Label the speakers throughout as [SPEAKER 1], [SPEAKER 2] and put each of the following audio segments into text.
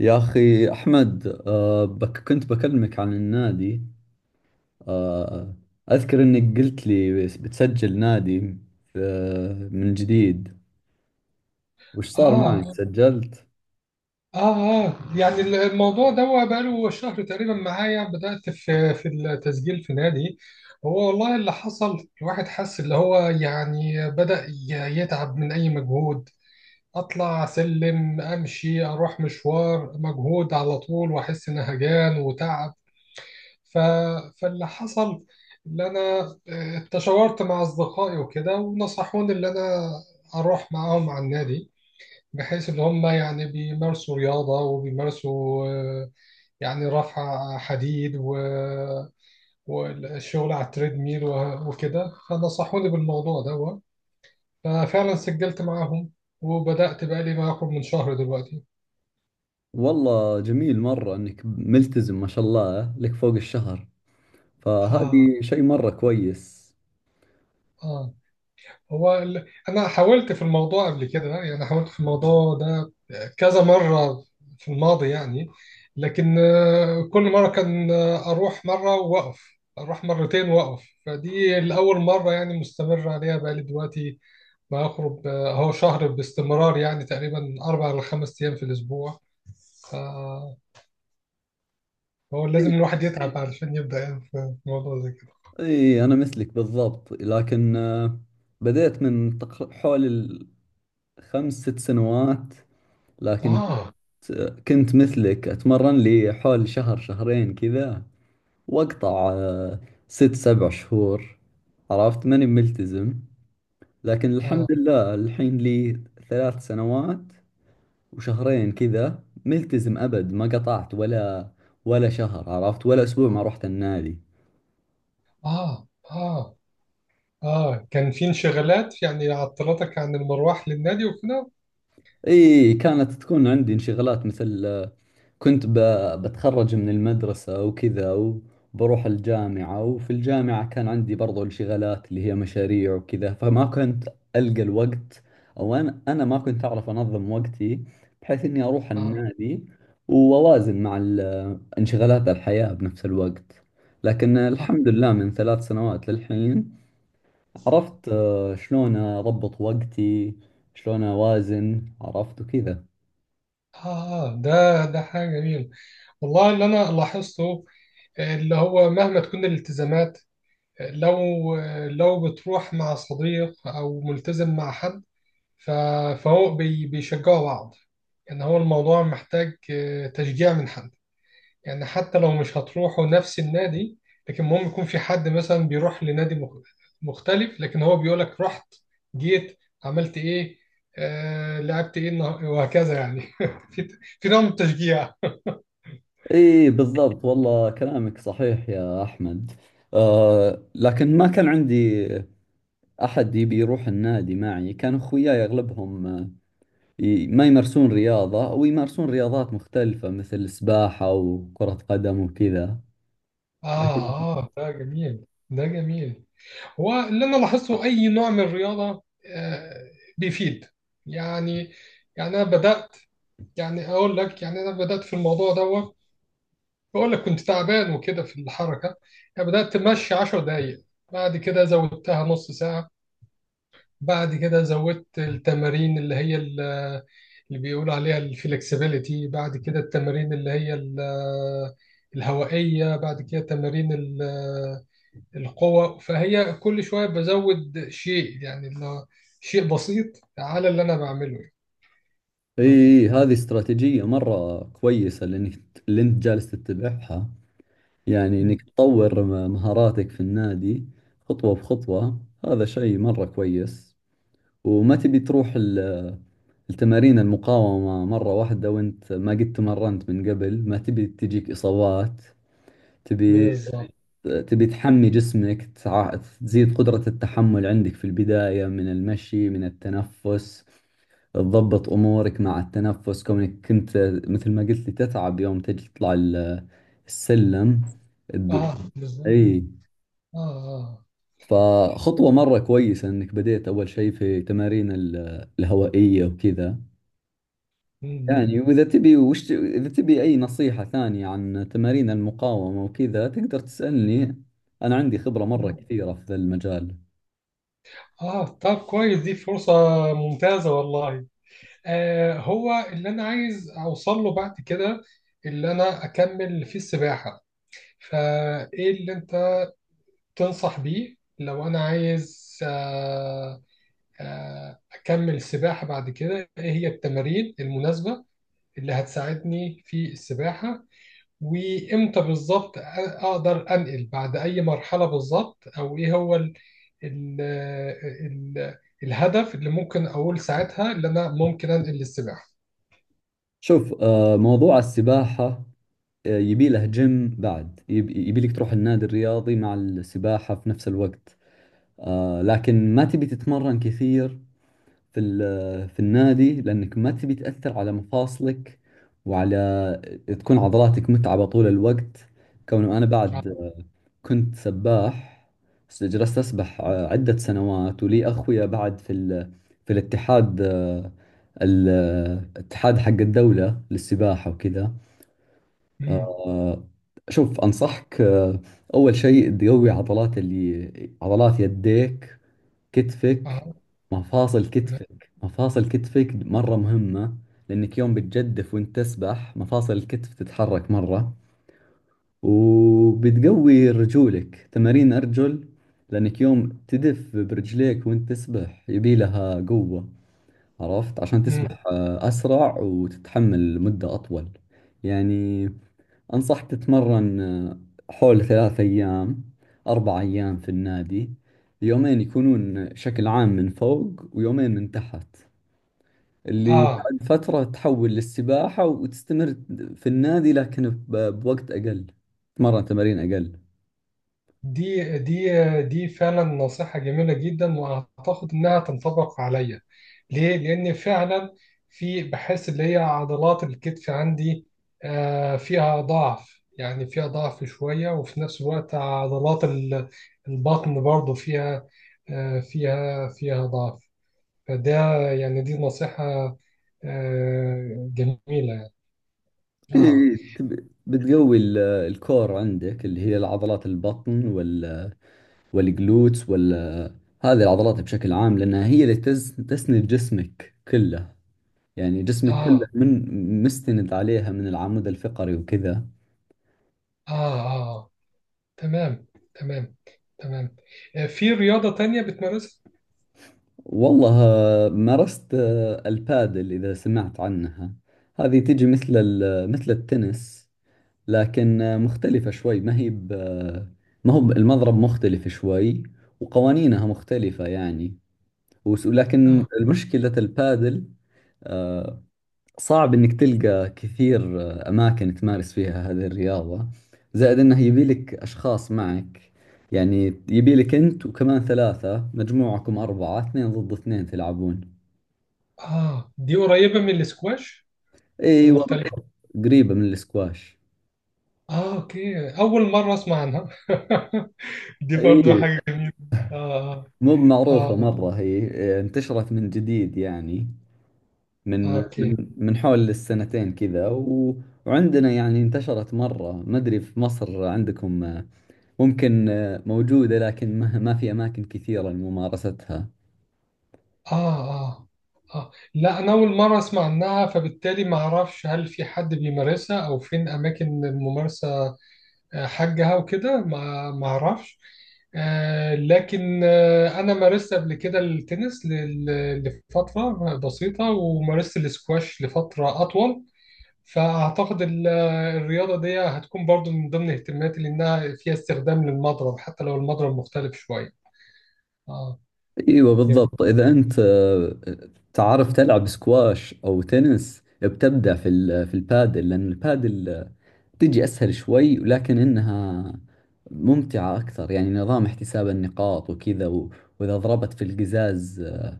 [SPEAKER 1] يا أخي أحمد بك كنت بكلمك عن النادي. آه أذكر إنك قلت لي بتسجل نادي من جديد. وش صار معك
[SPEAKER 2] آه
[SPEAKER 1] سجلت؟
[SPEAKER 2] آه يعني الموضوع ده هو بقاله شهر تقريبا معايا بدأت في التسجيل في نادي. هو والله اللي حصل، الواحد حس اللي هو يعني بدأ يتعب من أي مجهود. أطلع أسلم أمشي أروح مشوار مجهود على طول وأحس إن هجان وتعب. ف... فاللي حصل، اللي أنا اتشاورت مع أصدقائي وكده ونصحوني اللي أنا أروح معاهم على النادي، بحيث ان هم يعني بيمارسوا رياضه وبيمارسوا، يعني رفع حديد والشغل على التريدميل وكده، فنصحوني بالموضوع ده. ففعلا سجلت معاهم وبدأت بقى لي ما يقرب من شهر دلوقتي.
[SPEAKER 1] والله جميل مرة إنك ملتزم ما شاء الله، لك فوق الشهر.
[SPEAKER 2] آه
[SPEAKER 1] فهذه شيء مرة كويس.
[SPEAKER 2] آه هو انا حاولت في الموضوع قبل كده، يعني حاولت في الموضوع ده كذا مرة في الماضي يعني، لكن كل مرة كان، اروح مرة واقف اروح مرتين واقف، فدي الاول مرة يعني مستمر عليها بقالي دلوقتي ما اخرج اهو شهر باستمرار، يعني تقريبا اربع ل خمس ايام في الاسبوع. فهو
[SPEAKER 1] إي،
[SPEAKER 2] لازم الواحد يتعب علشان يبدأ يعني في موضوع زي كده.
[SPEAKER 1] إي، أنا مثلك بالضبط. لكن بديت حول الخمس ست سنوات. لكن
[SPEAKER 2] اه
[SPEAKER 1] كنت مثلك أتمرن لي حول شهر شهرين كذا، وأقطع ست سبع شهور. عرفت ماني ملتزم. لكن الحمد
[SPEAKER 2] اه
[SPEAKER 1] لله، الحين لي 3 سنوات وشهرين كذا ملتزم أبد. ما قطعت ولا شهر عرفت، ولا أسبوع ما رحت النادي.
[SPEAKER 2] اه اه كان في انشغالات يعني عطلتك عن المروح للنادي وكده؟
[SPEAKER 1] إي، كانت تكون عندي انشغالات، مثل كنت ب... بتخرج من المدرسة وكذا، وبروح الجامعة. وفي الجامعة كان عندي برضو انشغالات اللي هي مشاريع وكذا. فما كنت ألقى الوقت، أو أنا ما كنت أعرف أنظم وقتي بحيث إني أروح
[SPEAKER 2] آه.
[SPEAKER 1] النادي وأوازن مع انشغالات الحياة بنفس الوقت. لكن
[SPEAKER 2] آه.
[SPEAKER 1] الحمد لله، من 3 سنوات للحين عرفت شلون أضبط وقتي، شلون أوازن عرفت وكذا.
[SPEAKER 2] آه، ده حاجة جميلة. والله اللي أنا لاحظته اللي هو، مهما تكون الالتزامات، لو لو بتروح مع صديق أو ملتزم مع حد، ف- فهو بيشجعوا بعض. يعني هو الموضوع محتاج تشجيع من حد. يعني حتى لو مش هتروحوا نفس النادي، لكن المهم يكون في حد مثلا بيروح لنادي مختلف، لكن هو بيقول لك رحت جيت عملت ايه، آه لعبت ايه وهكذا يعني في في نوع من التشجيع.
[SPEAKER 1] اي، بالضبط. والله كلامك صحيح يا احمد. لكن ما كان عندي احد يبي يروح النادي معي. كان اخوياي اغلبهم ما يمارسون رياضة، او يمارسون رياضات مختلفة مثل السباحة وكرة قدم وكذا.
[SPEAKER 2] اه اه، ده جميل. هو اللي انا لاحظته اي نوع من الرياضه آه بيفيد. يعني يعني انا بدات، يعني اقول لك، يعني انا بدات في الموضوع دوت، بقول لك كنت تعبان وكده في الحركة. يعني بدأت تمشي 10 دقايق، بعد كده زودتها نص ساعة، بعد كده زودت التمارين اللي هي اللي بيقول عليها الفلكسبيليتي، بعد كده التمارين اللي هي الهوائية، بعد كده تمارين القوة. فهي كل شوية بزود شيء يعني، اللي هو شيء بسيط على اللي أنا بعمله يعني. اه.
[SPEAKER 1] اي، هذه استراتيجية مرة كويسة اللي انت جالس تتبعها. يعني انك
[SPEAKER 2] أمم.
[SPEAKER 1] تطور مهاراتك في النادي خطوة بخطوة. هذا شيء مرة كويس. وما تبي تروح التمارين المقاومة مرة واحدة وانت ما قد تمرنت من قبل. ما تبي تجيك إصابات. تبي
[SPEAKER 2] بالظبط.
[SPEAKER 1] تبي تحمي جسمك، تزيد قدرة التحمل عندك في البداية، من المشي، من التنفس. تضبط أمورك مع التنفس، كونك كنت مثل ما قلت لي تتعب يوم تجي تطلع السلم
[SPEAKER 2] اه
[SPEAKER 1] الد-
[SPEAKER 2] بالظبط.
[SPEAKER 1] اي،
[SPEAKER 2] اه اه.
[SPEAKER 1] فخطوة مرة كويسة انك بديت اول شيء في تمارين الهوائية وكذا.
[SPEAKER 2] أمم.
[SPEAKER 1] يعني، وإذا تبي وش إذا تبي أي نصيحة ثانية عن تمارين المقاومة وكذا، تقدر تسألني. أنا عندي خبرة مرة كثيرة في ذا المجال.
[SPEAKER 2] اه طب كويس، دي فرصة ممتازة والله. آه هو اللي انا عايز اوصل له بعد كده اللي انا اكمل في السباحة. فايه اللي انت تنصح بيه لو انا عايز، اكمل السباحة بعد كده؟ ايه هي التمارين المناسبة اللي هتساعدني في السباحة؟ وامتى بالظبط اقدر انقل بعد اي مرحله بالظبط؟ او ايه هو ال ال الهدف اللي ممكن اقول ساعتها اللي انا ممكن انقل للسباحه؟
[SPEAKER 1] شوف، موضوع السباحة، يبي له جيم. بعد يبي لك تروح النادي الرياضي مع السباحة في نفس الوقت. لكن ما تبي تتمرن كثير في النادي، لأنك ما تبي تأثر على مفاصلك، وعلى تكون عضلاتك متعبة طول الوقت. كونه أنا بعد
[SPEAKER 2] اه.
[SPEAKER 1] كنت سباح. جلست أسبح عدة سنوات. ولي أخويا بعد في الاتحاد، ال- الاتحاد حق الدولة للسباحة وكذا.
[SPEAKER 2] امم.
[SPEAKER 1] آه، شوف، أنصحك أول شيء تقوي عضلات يديك، كتفك.
[SPEAKER 2] اه.
[SPEAKER 1] مفاصل
[SPEAKER 2] تمام.
[SPEAKER 1] كتفك، مفاصل كتفك مرة مهمة، لأنك يوم بتجدف وأنت تسبح مفاصل الكتف تتحرك مرة. وبتقوي رجولك، تمارين أرجل، لأنك يوم تدف برجليك وانت تسبح يبي لها قوة، عرفت، عشان
[SPEAKER 2] امم.
[SPEAKER 1] تسبح أسرع وتتحمل مدة أطول. يعني، أنصح تتمرن حول 3 أيام 4 أيام في النادي. يومين يكونون شكل عام من فوق، ويومين من تحت. اللي
[SPEAKER 2] اه.
[SPEAKER 1] بعد فترة تحول للسباحة وتستمر في النادي، لكن بوقت أقل، تتمرن تمارين أقل.
[SPEAKER 2] دي دي دي فعلا نصيحة جميلة جدا وأعتقد إنها تنطبق عليا. ليه؟ لأن فعلا في، بحس اللي هي عضلات الكتف عندي فيها ضعف، يعني فيها ضعف شوية. وفي نفس الوقت عضلات البطن برضو فيها فيها ضعف. فده يعني، دي نصيحة جميلة يعني.
[SPEAKER 1] إيه،
[SPEAKER 2] آه.
[SPEAKER 1] إيه، بتقوي الكور عندك، اللي هي العضلات البطن، والجلوتس، هذه العضلات بشكل عام، لأنها هي اللي تسند جسمك كله. يعني جسمك كله
[SPEAKER 2] آه
[SPEAKER 1] من مستند عليها، من العمود الفقري وكذا.
[SPEAKER 2] آه. آه تمام. تمام. تمام. آه، في رياضة تانية بتمارسها؟
[SPEAKER 1] والله، مارست البادل، إذا سمعت عنها. هذه تجي مثل التنس، لكن مختلفة شوي. ما هو ب- المضرب مختلف شوي، وقوانينها مختلفة يعني. ولكن
[SPEAKER 2] اه
[SPEAKER 1] المشكلة البادل، آه، صعب إنك تلقى كثير أماكن تمارس فيها هذه الرياضة. زائد إنه يبي لك أشخاص معك. يعني يبي لك أنت وكمان ثلاثة، مجموعكم أربعة، اثنين ضد اثنين تلعبون.
[SPEAKER 2] اه، دي قريبة من الاسكواش ولا
[SPEAKER 1] أيوة،
[SPEAKER 2] مختلفة؟
[SPEAKER 1] قريبة من الاسكواش.
[SPEAKER 2] اه اوكي، أول مرة أسمع عنها. دي
[SPEAKER 1] أي،
[SPEAKER 2] برضو حاجة جميلة. اه
[SPEAKER 1] مو
[SPEAKER 2] اه
[SPEAKER 1] معروفة
[SPEAKER 2] اه
[SPEAKER 1] مرة هي. انتشرت من جديد يعني، من
[SPEAKER 2] آه، اوكي.
[SPEAKER 1] من من حول السنتين كذا، و... وعندنا يعني انتشرت مرة. ما أدري في مصر عندكم، ممكن موجودة، لكن ما في أماكن كثيرة لممارستها.
[SPEAKER 2] اه اه اه لا أنا أول مرة أسمع عنها، فبالتالي ما أعرفش هل في حد بيمارسها أو فين أماكن الممارسة حاجها وكده، ما اعرفش. لكن انا مارست قبل كده التنس لفتره بسيطه، ومارست الاسكواش لفتره اطول. فاعتقد الرياضه دي هتكون برضو من ضمن اهتماماتي، لانها فيها استخدام للمضرب حتى لو المضرب مختلف شويه. اه
[SPEAKER 1] أيوة،
[SPEAKER 2] جميل.
[SPEAKER 1] بالضبط. إذا أنت تعرف تلعب سكواش أو تنس، بتبدع في البادل، لأن البادل تجي أسهل شوي، لكن إنها ممتعة أكثر. يعني، نظام احتساب النقاط وكذا، وإذا ضربت في القزاز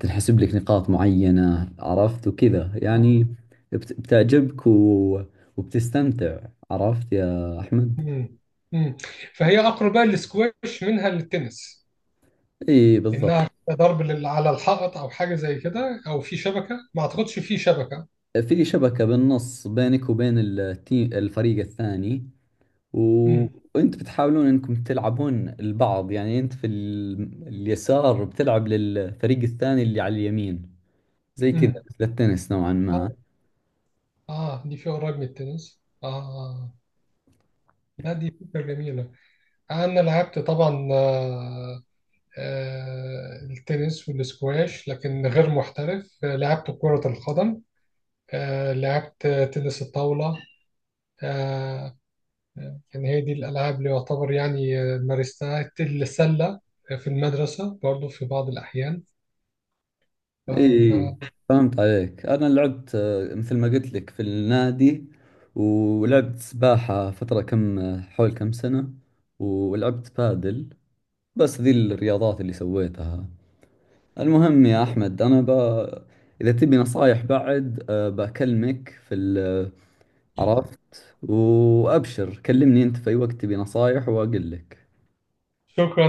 [SPEAKER 1] تنحسب لك نقاط معينة، عرفت وكذا يعني.
[SPEAKER 2] آه.
[SPEAKER 1] بتعجبك وبتستمتع. عرفت يا أحمد؟
[SPEAKER 2] مم. مم. فهي اقرب بقى الاسكواش منها للتنس،
[SPEAKER 1] إي، بالضبط.
[SPEAKER 2] لانها ضرب على الحائط او حاجه زي كده، او في شبكه، ما اعتقدش في شبكه.
[SPEAKER 1] في شبكة بالنص بينك وبين التيم، الفريق الثاني، و...
[SPEAKER 2] مم.
[SPEAKER 1] وانت بتحاولون انكم تلعبون البعض. يعني انت اليسار بتلعب للفريق الثاني اللي على اليمين. زي كذا،
[SPEAKER 2] امم.
[SPEAKER 1] مثل التنس نوعا ما.
[SPEAKER 2] اه اه، دي فيها قريب من التنس. اه آه. لا دي فكرة جميلة. انا لعبت طبعا، التنس والسكواش لكن غير محترف. آه، لعبت كرة القدم، آه لعبت تنس الطاولة. آه يعني هي دي الالعاب اللي يعتبر يعني مارستها. السلة في المدرسة برضو في بعض الاحيان. ف...
[SPEAKER 1] اي، فهمت عليك. انا لعبت، مثل ما قلت لك في النادي، ولعبت سباحة فترة كم حول كم سنة، ولعبت بادل. بس ذي الرياضات اللي سويتها. المهم يا أحمد، إذا تبي نصايح بعد، بكلمك في عرفت. وأبشر، كلمني أنت في أي وقت تبي نصايح وأقول لك.
[SPEAKER 2] ف...